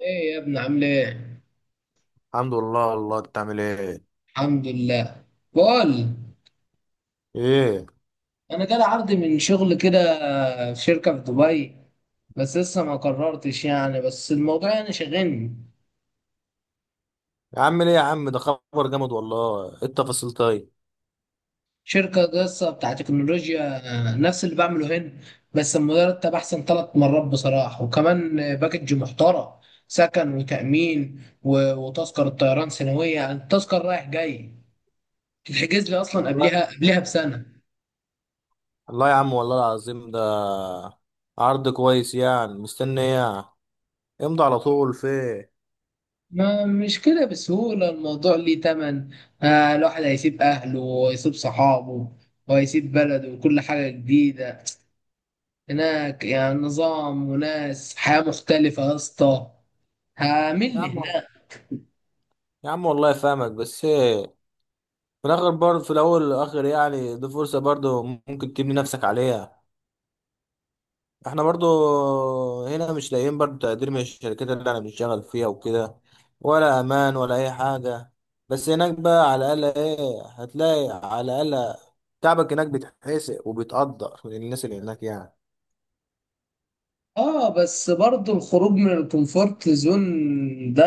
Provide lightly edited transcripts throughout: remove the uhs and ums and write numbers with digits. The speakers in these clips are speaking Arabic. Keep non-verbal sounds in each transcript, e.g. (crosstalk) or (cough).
ايه يا ابني عامل ايه؟ الحمد لله. الله انت عامل ايه؟ الحمد لله. بقول، ايه. انا جالي عرض من شغل كده، في شركة في دبي. بس لسه ما قررتش يعني، بس الموضوع يعني شاغلني. يا عم، ليه يا عم؟ ده خبر جامد والله. ايه التفاصيل طيب؟ شركة لسه بتاع تكنولوجيا، نفس اللي بعمله هنا. بس المرتب احسن 3 مرات بصراحة، وكمان باكج محترم: سكن وتأمين وتذكرة طيران سنوية، يعني التذكرة رايح جاي تتحجز لي اصلا الله قبلها بسنة. الله، يا عم والله العظيم، ده عرض كويس، يعني مستني ايه يعني؟ امضي على طول في ايه. ما مش كده بسهولة، الموضوع ليه تمن. الواحد هيسيب أهله ويسيب صحابه وهيسيب بلده وكل حاجة جديدة. هناك يعني نظام وناس، حياة مختلفة يا اسطى يا هعمل عم، هناك. يا عم والله فاهمك، بس ايه، في الاخر برضه، في الاول والاخر يعني دي فرصة برضه ممكن تبني نفسك عليها. احنا برضو هنا مش لاقيين برضو تقدير من الشركات اللي انا بنشتغل فيها وكده، ولا امان ولا اي حاجة. بس هناك بقى على الاقل ايه، هتلاقي على الاقل تعبك هناك بيتحسق وبيتقدر من الناس اللي هناك يعني. اه بس برضو الخروج من الكومفورت زون ده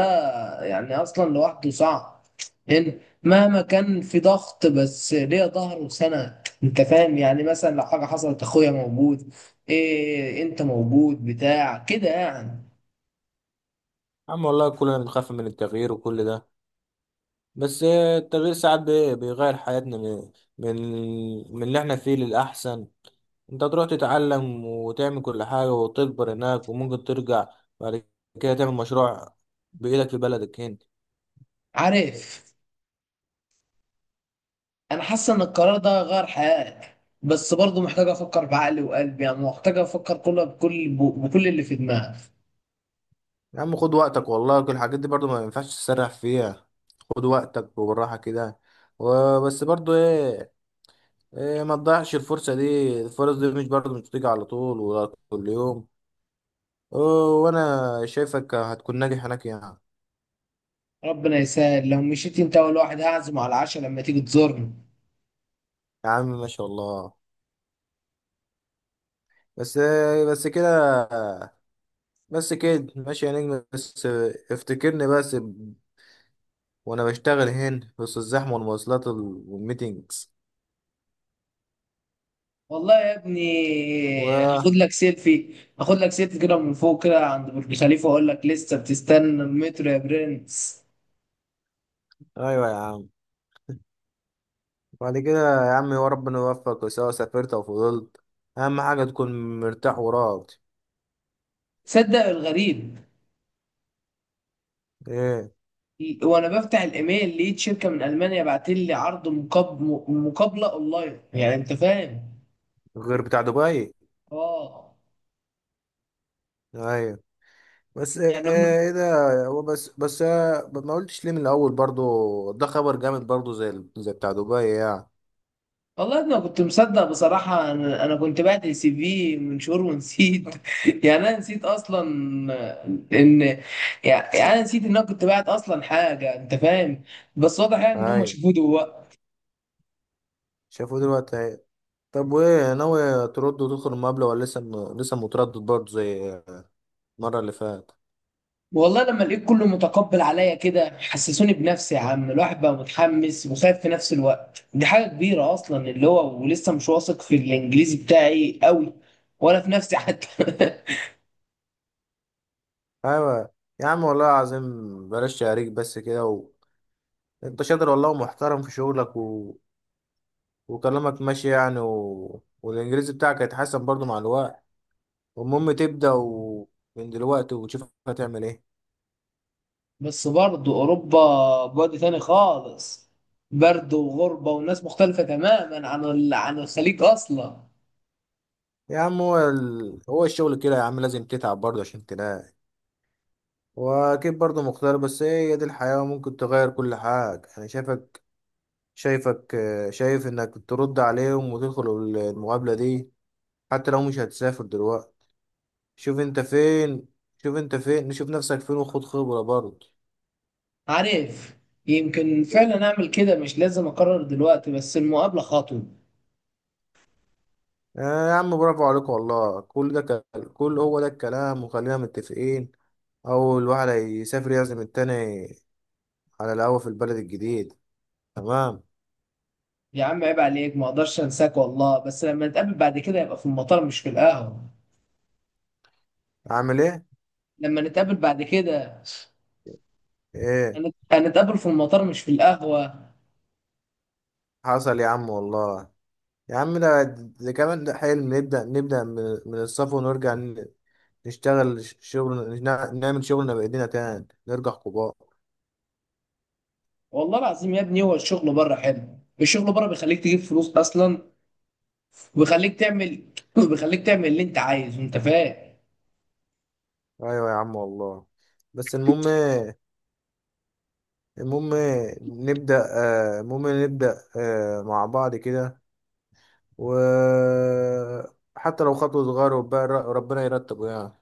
يعني اصلا لوحده صعب. هنا مهما كان في ضغط، بس ليه ظهر وسند، انت فاهم يعني، مثلا لو حاجه حصلت اخويا موجود، إيه انت موجود بتاع كده يعني. عم والله كلنا بنخاف من التغيير وكل ده. بس ايه، التغيير ساعات بيغير حياتنا من من اللي احنا فيه للأحسن. انت تروح تتعلم وتعمل كل حاجة وتكبر هناك، وممكن ترجع بعد كده تعمل مشروع بإيدك في بلدك هنا. عارف، انا حاسه ان القرار ده غير حياتي، بس برضو محتاج افكر بعقلي وقلبي، يعني محتاج افكر كله بكل اللي في دماغي. يا عم خد وقتك والله، كل الحاجات دي برضو ما ينفعش تسرح فيها. خد وقتك وبالراحة كده. وبس برضو ايه، إيه، ما تضيعش الفرصة دي، الفرص دي مش برضو مش بتيجي على طول ولا كل يوم. و- وانا شايفك هتكون ناجح هناك يعني. ربنا يسهل، لو مشيت انت اول واحد هعزم على العشاء لما تيجي تزورني. يا عم ما شاء الله. بس إيه؟ بس كده، بس كده ماشي يا نجم. بس افتكرني بس وانا بشتغل هنا وسط الزحمة والمواصلات والميتينجز والله يا و... ابني هاخد لك سيلفي، هاخد لك سيلفي كده من فوق كده عند برج خليفة واقول لك لسه بتستنى المترو يا برنس. ايوه يا عم. بعد كده يا عم، يا ربنا يوفقك سواء سافرت او فضلت. اهم حاجه تكون مرتاح وراضي. صدق الغريب، ايه؟ وانا بفتح الايميل لقيت شركة من المانيا بعت لي عرض مقابلة اونلاين، يعني انت فاهم. غير بتاع دبي؟ اه. ايوه. بس ايه، يعني هم. إيه ده؟ هو بس ما قلتش ليه من الاول؟ برضو ده خبر جامد برضو، زي زي بتاع دبي يعني. والله انا كنت مصدق بصراحه، انا كنت بعت سي في من شهور ونسيت. (laughs) يعني انا نسيت اصلا ان، يعني انا نسيت ان انا كنت بعت اصلا حاجه انت فاهم. بس واضح يعني ان هم ايوه. شافوه دلوقتي. شافوه دلوقتي اهي. طب وايه، ناوي ترد وتدخل المقابله ولا لسه لسه متردد برضو زي المره اللي فاتت؟ والله لما لقيت كله متقبل عليا كده حسسوني بنفسي، يا عم الواحد بقى متحمس وخايف في نفس الوقت. دي حاجه كبيره اصلا اللي هو، ولسه مش واثق في الانجليزي بتاعي قوي، ولا في نفسي حتى. (laughs) ايوه يا عم والله العظيم. بلاش تعريج بس كده انت شاطر والله ومحترم في شغلك وكلامك ماشي يعني والإنجليزي بتاعك هيتحسن برضو مع الوقت. والمهم تبدأ من دلوقتي وتشوف هتعمل إيه. بس برضه أوروبا بعد تاني خالص، برد وغربة وناس مختلفة تماما عن الخليج أصلا. يا عم هو هو الشغل كده يا عم، لازم تتعب برضو عشان تلاقي. وأكيد برضو مختار، بس هي دي الحياة وممكن تغير كل حاجة. أنا شايفك شايف إنك ترد عليهم وتدخل المقابلة دي حتى لو مش هتسافر دلوقتي. شوف أنت فين شوف أنت فين، شوف نفسك فين وخد خبرة برضو. عارف، يمكن فعلا أعمل كده، مش لازم أقرر دلوقتي بس المقابلة خطوة. آه يا عم، برافو عليك والله كل ده. كل هو ده الكلام، وخلينا متفقين: اول واحد هيسافر يعزم التاني على القهوة في البلد الجديد. تمام؟ يا عم عيب عليك، ما أقدرش أنساك والله، بس لما نتقابل بعد كده يبقى في المطار مش في القهوة. اعمل ايه؟ لما نتقابل بعد كده ايه؟ هنتقابل في المطار مش في القهوة. حصل يا عم والله. يا عم ده كمان ده حلم، نبدأ من الصفر ونرجع نشتغل شغل نعمل شغلنا بإيدينا تاني، نرجع كبار. والله العظيم يا ابني هو الشغل بره حلو، الشغل بره بيخليك تجيب فلوس أصلا، وبيخليك تعمل (clears throat) (laughs) وبيخليك تعمل اللي انت عايزه، انت فاهم. ايوه يا عم والله. بس المهم إيه؟ المهم إيه؟ نبدأ، المهم نبدأ مع بعض كده، وحتى لو خطوة صغيرة، وبقى ربنا يرتبه يعني.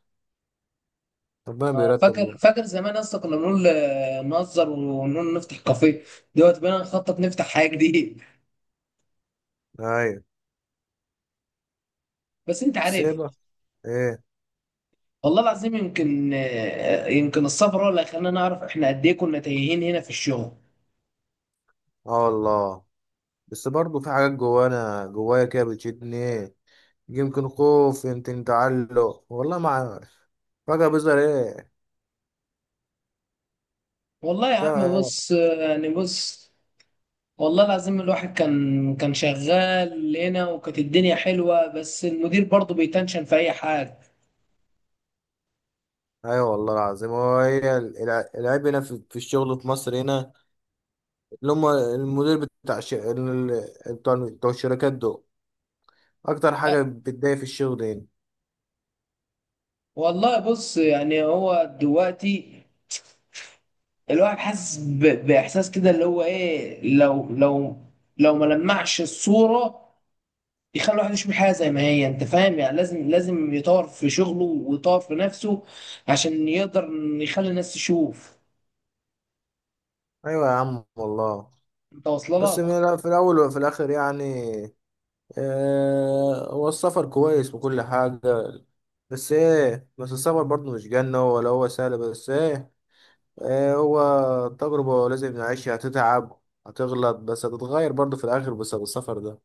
ربنا فاكر بيرتبه. فاكر زمان اصلا كنا بنقول، نهزر ونقول نفتح كافيه. دلوقتي بقينا نخطط نفتح حاجه جديده. ايوه. (laughs) بس انت عارف. سيبه. ايه؟ والله العظيم يمكن السفر هو اللي خلانا نعرف احنا قد ايه كنا تايهين هنا في الشغل. اه والله. بس برضه في حاجات جوانا، جوايا كده بتشدني، ايه، يمكن خوف، يمكن تعلق، والله ما عارف. فجأة بيظهر ايه. والله يا عم فجأة إيه؟ بص، يعني بص. والله العظيم الواحد كان شغال هنا وكانت الدنيا حلوه، بس المدير برضه بيتنشن في اي حاجه. ايوه والله العظيم هو العيب هنا في الشغل في مصر هنا، اللي هم المدير بتاع بتوع الشركات دول اكتر أه، حاجة بتضايق في الشغل هنا. والله بص يعني هو دلوقتي الواحد حاسس باحساس كده، اللي هو ايه لو لو، لو ما لمعش الصوره يخلي الواحد يشوف الحياه زي ما هي، انت فاهم يعني لازم يطور في شغله ويطور في نفسه عشان يقدر يخلي الناس تشوف ايوه يا عم والله. انت واصله بس لك. في الأول وفي الآخر يعني، هو السفر كويس وكل حاجة، بس إيه. بس السفر برضه مش جنة ولا هو سهل، بس إيه. هو تجربة لازم نعيشها، هتتعب، هتغلط، بس هتتغير برضه في الآخر بس بالسفر ده.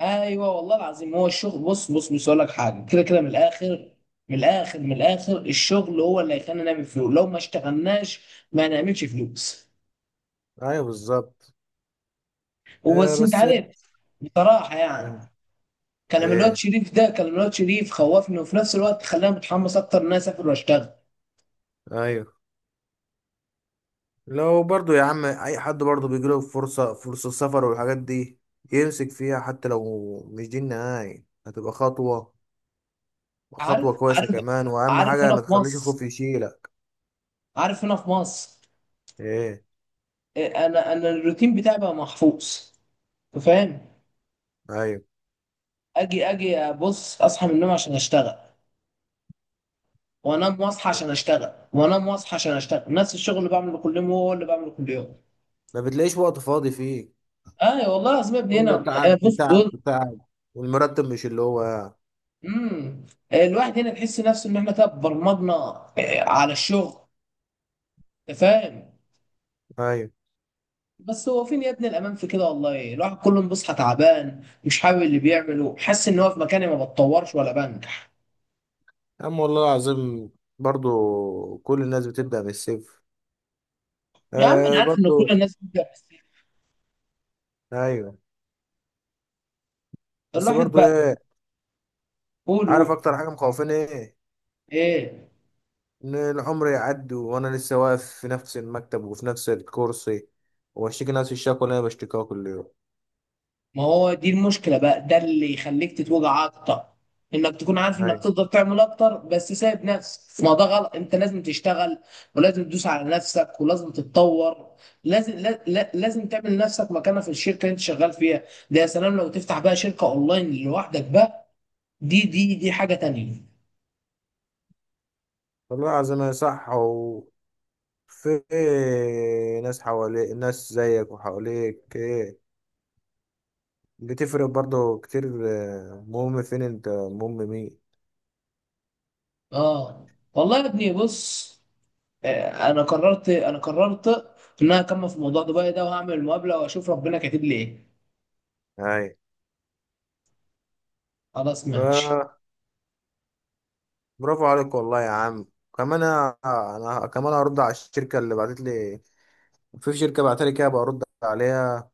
ايوه والله العظيم، هو الشغل بص بص بص اقول لك حاجه كده كده. من الاخر، من الاخر من الاخر، الشغل هو اللي هيخلينا نعمل فلوس، لو ما اشتغلناش ما نعملش فلوس. أيوه بالظبط. وبس انت بس إيه؟ عارف. بصراحه يعني، كلام الواد إيه؟ شريف ده، كلام الواد شريف خوفني وفي نفس الوقت خلاني متحمس اكتر ان انا اسافر واشتغل. أيوه. لو برضه يا عم أي حد برضه بيجيله فرصة، فرصة السفر والحاجات دي، يمسك فيها حتى لو مش دي النهاية. هتبقى خطوة، عارف، خطوة كويسة عارف، كمان. وأهم عارف حاجة هنا ما في تخليش الخوف مصر، يشيلك. عارف هنا في مصر إيه. إيه، انا الروتين بتاعي بقى محفوظ. أنت فاهم. أيوة. اجي ابص اصحى من النوم عشان اشتغل، وانام واصحى عشان اشتغل، وانام واصحى عشان اشتغل، نفس الشغل اللي بعمله كل يوم هو اللي بعمله كل يوم. ما بتلاقيش وقت فاضي فيه. اي والله العظيم يا ابني هنا، كله تعب في بص تعب بص. في تعب. والمرتب مش اللي هو يعني. امم الواحد هنا تحس نفسه ان احنا كده برمجنا، على الشغل. أنت فاهم. أيوة. بس هو فين يا ابني الامان في كده؟ والله الواحد كل يوم بيصحى تعبان، مش حابب اللي بيعمله، حاسس ان هو في مكاني ما بتطورش ولا بنجح. يا عم والله العظيم، برضو كل الناس بتبدأ من الصفر يا عم انا آه عارف ان كل برضو. الناس بتبدا، بس أيوة. بس الواحد برضو بقى إيه؟ عارف يقوله أكتر حاجة مخوفاني إيه؟ ايه؟ إن العمر يعدي وأنا لسه واقف في نفس المكتب وفي نفس الكرسي، وأشتكي نفس الشكوى اللي أنا بشتكيها كل يوم. ما هو دي المشكله بقى، ده اللي يخليك تتوجع اكتر، انك تكون عارف انك أيوة تقدر تعمل اكتر بس سايب نفسك. ما ده غلط، انت لازم تشتغل، ولازم تدوس على نفسك، ولازم تتطور. لازم لازم تعمل لنفسك مكانه في الشركه اللي انت شغال فيها. ده يا سلام لو تفتح بقى شركه اونلاين لوحدك بقى، دي حاجة تانية. والله العظيم هي صح في ناس حواليك، ناس زيك وحواليك ايه، بتفرق برضه كتير. مهم فين انت، مهم مين. اه والله يا ابني بص، انا قررت ان انا اكمل في موضوع دبي ده، وهعمل المقابلة واشوف ربنا كاتب لي ايه. اي. خلاص ماشي. آه. برافو عليك والله يا عم. كمان أنا كمان هرد على الشركه اللي بعتت لي. في شركه بعتت لي كده، برد عليها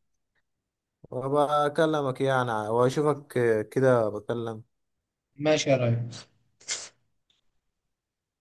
وبكلمك يعني واشوفك كده، بكلم ماشي يا ريس.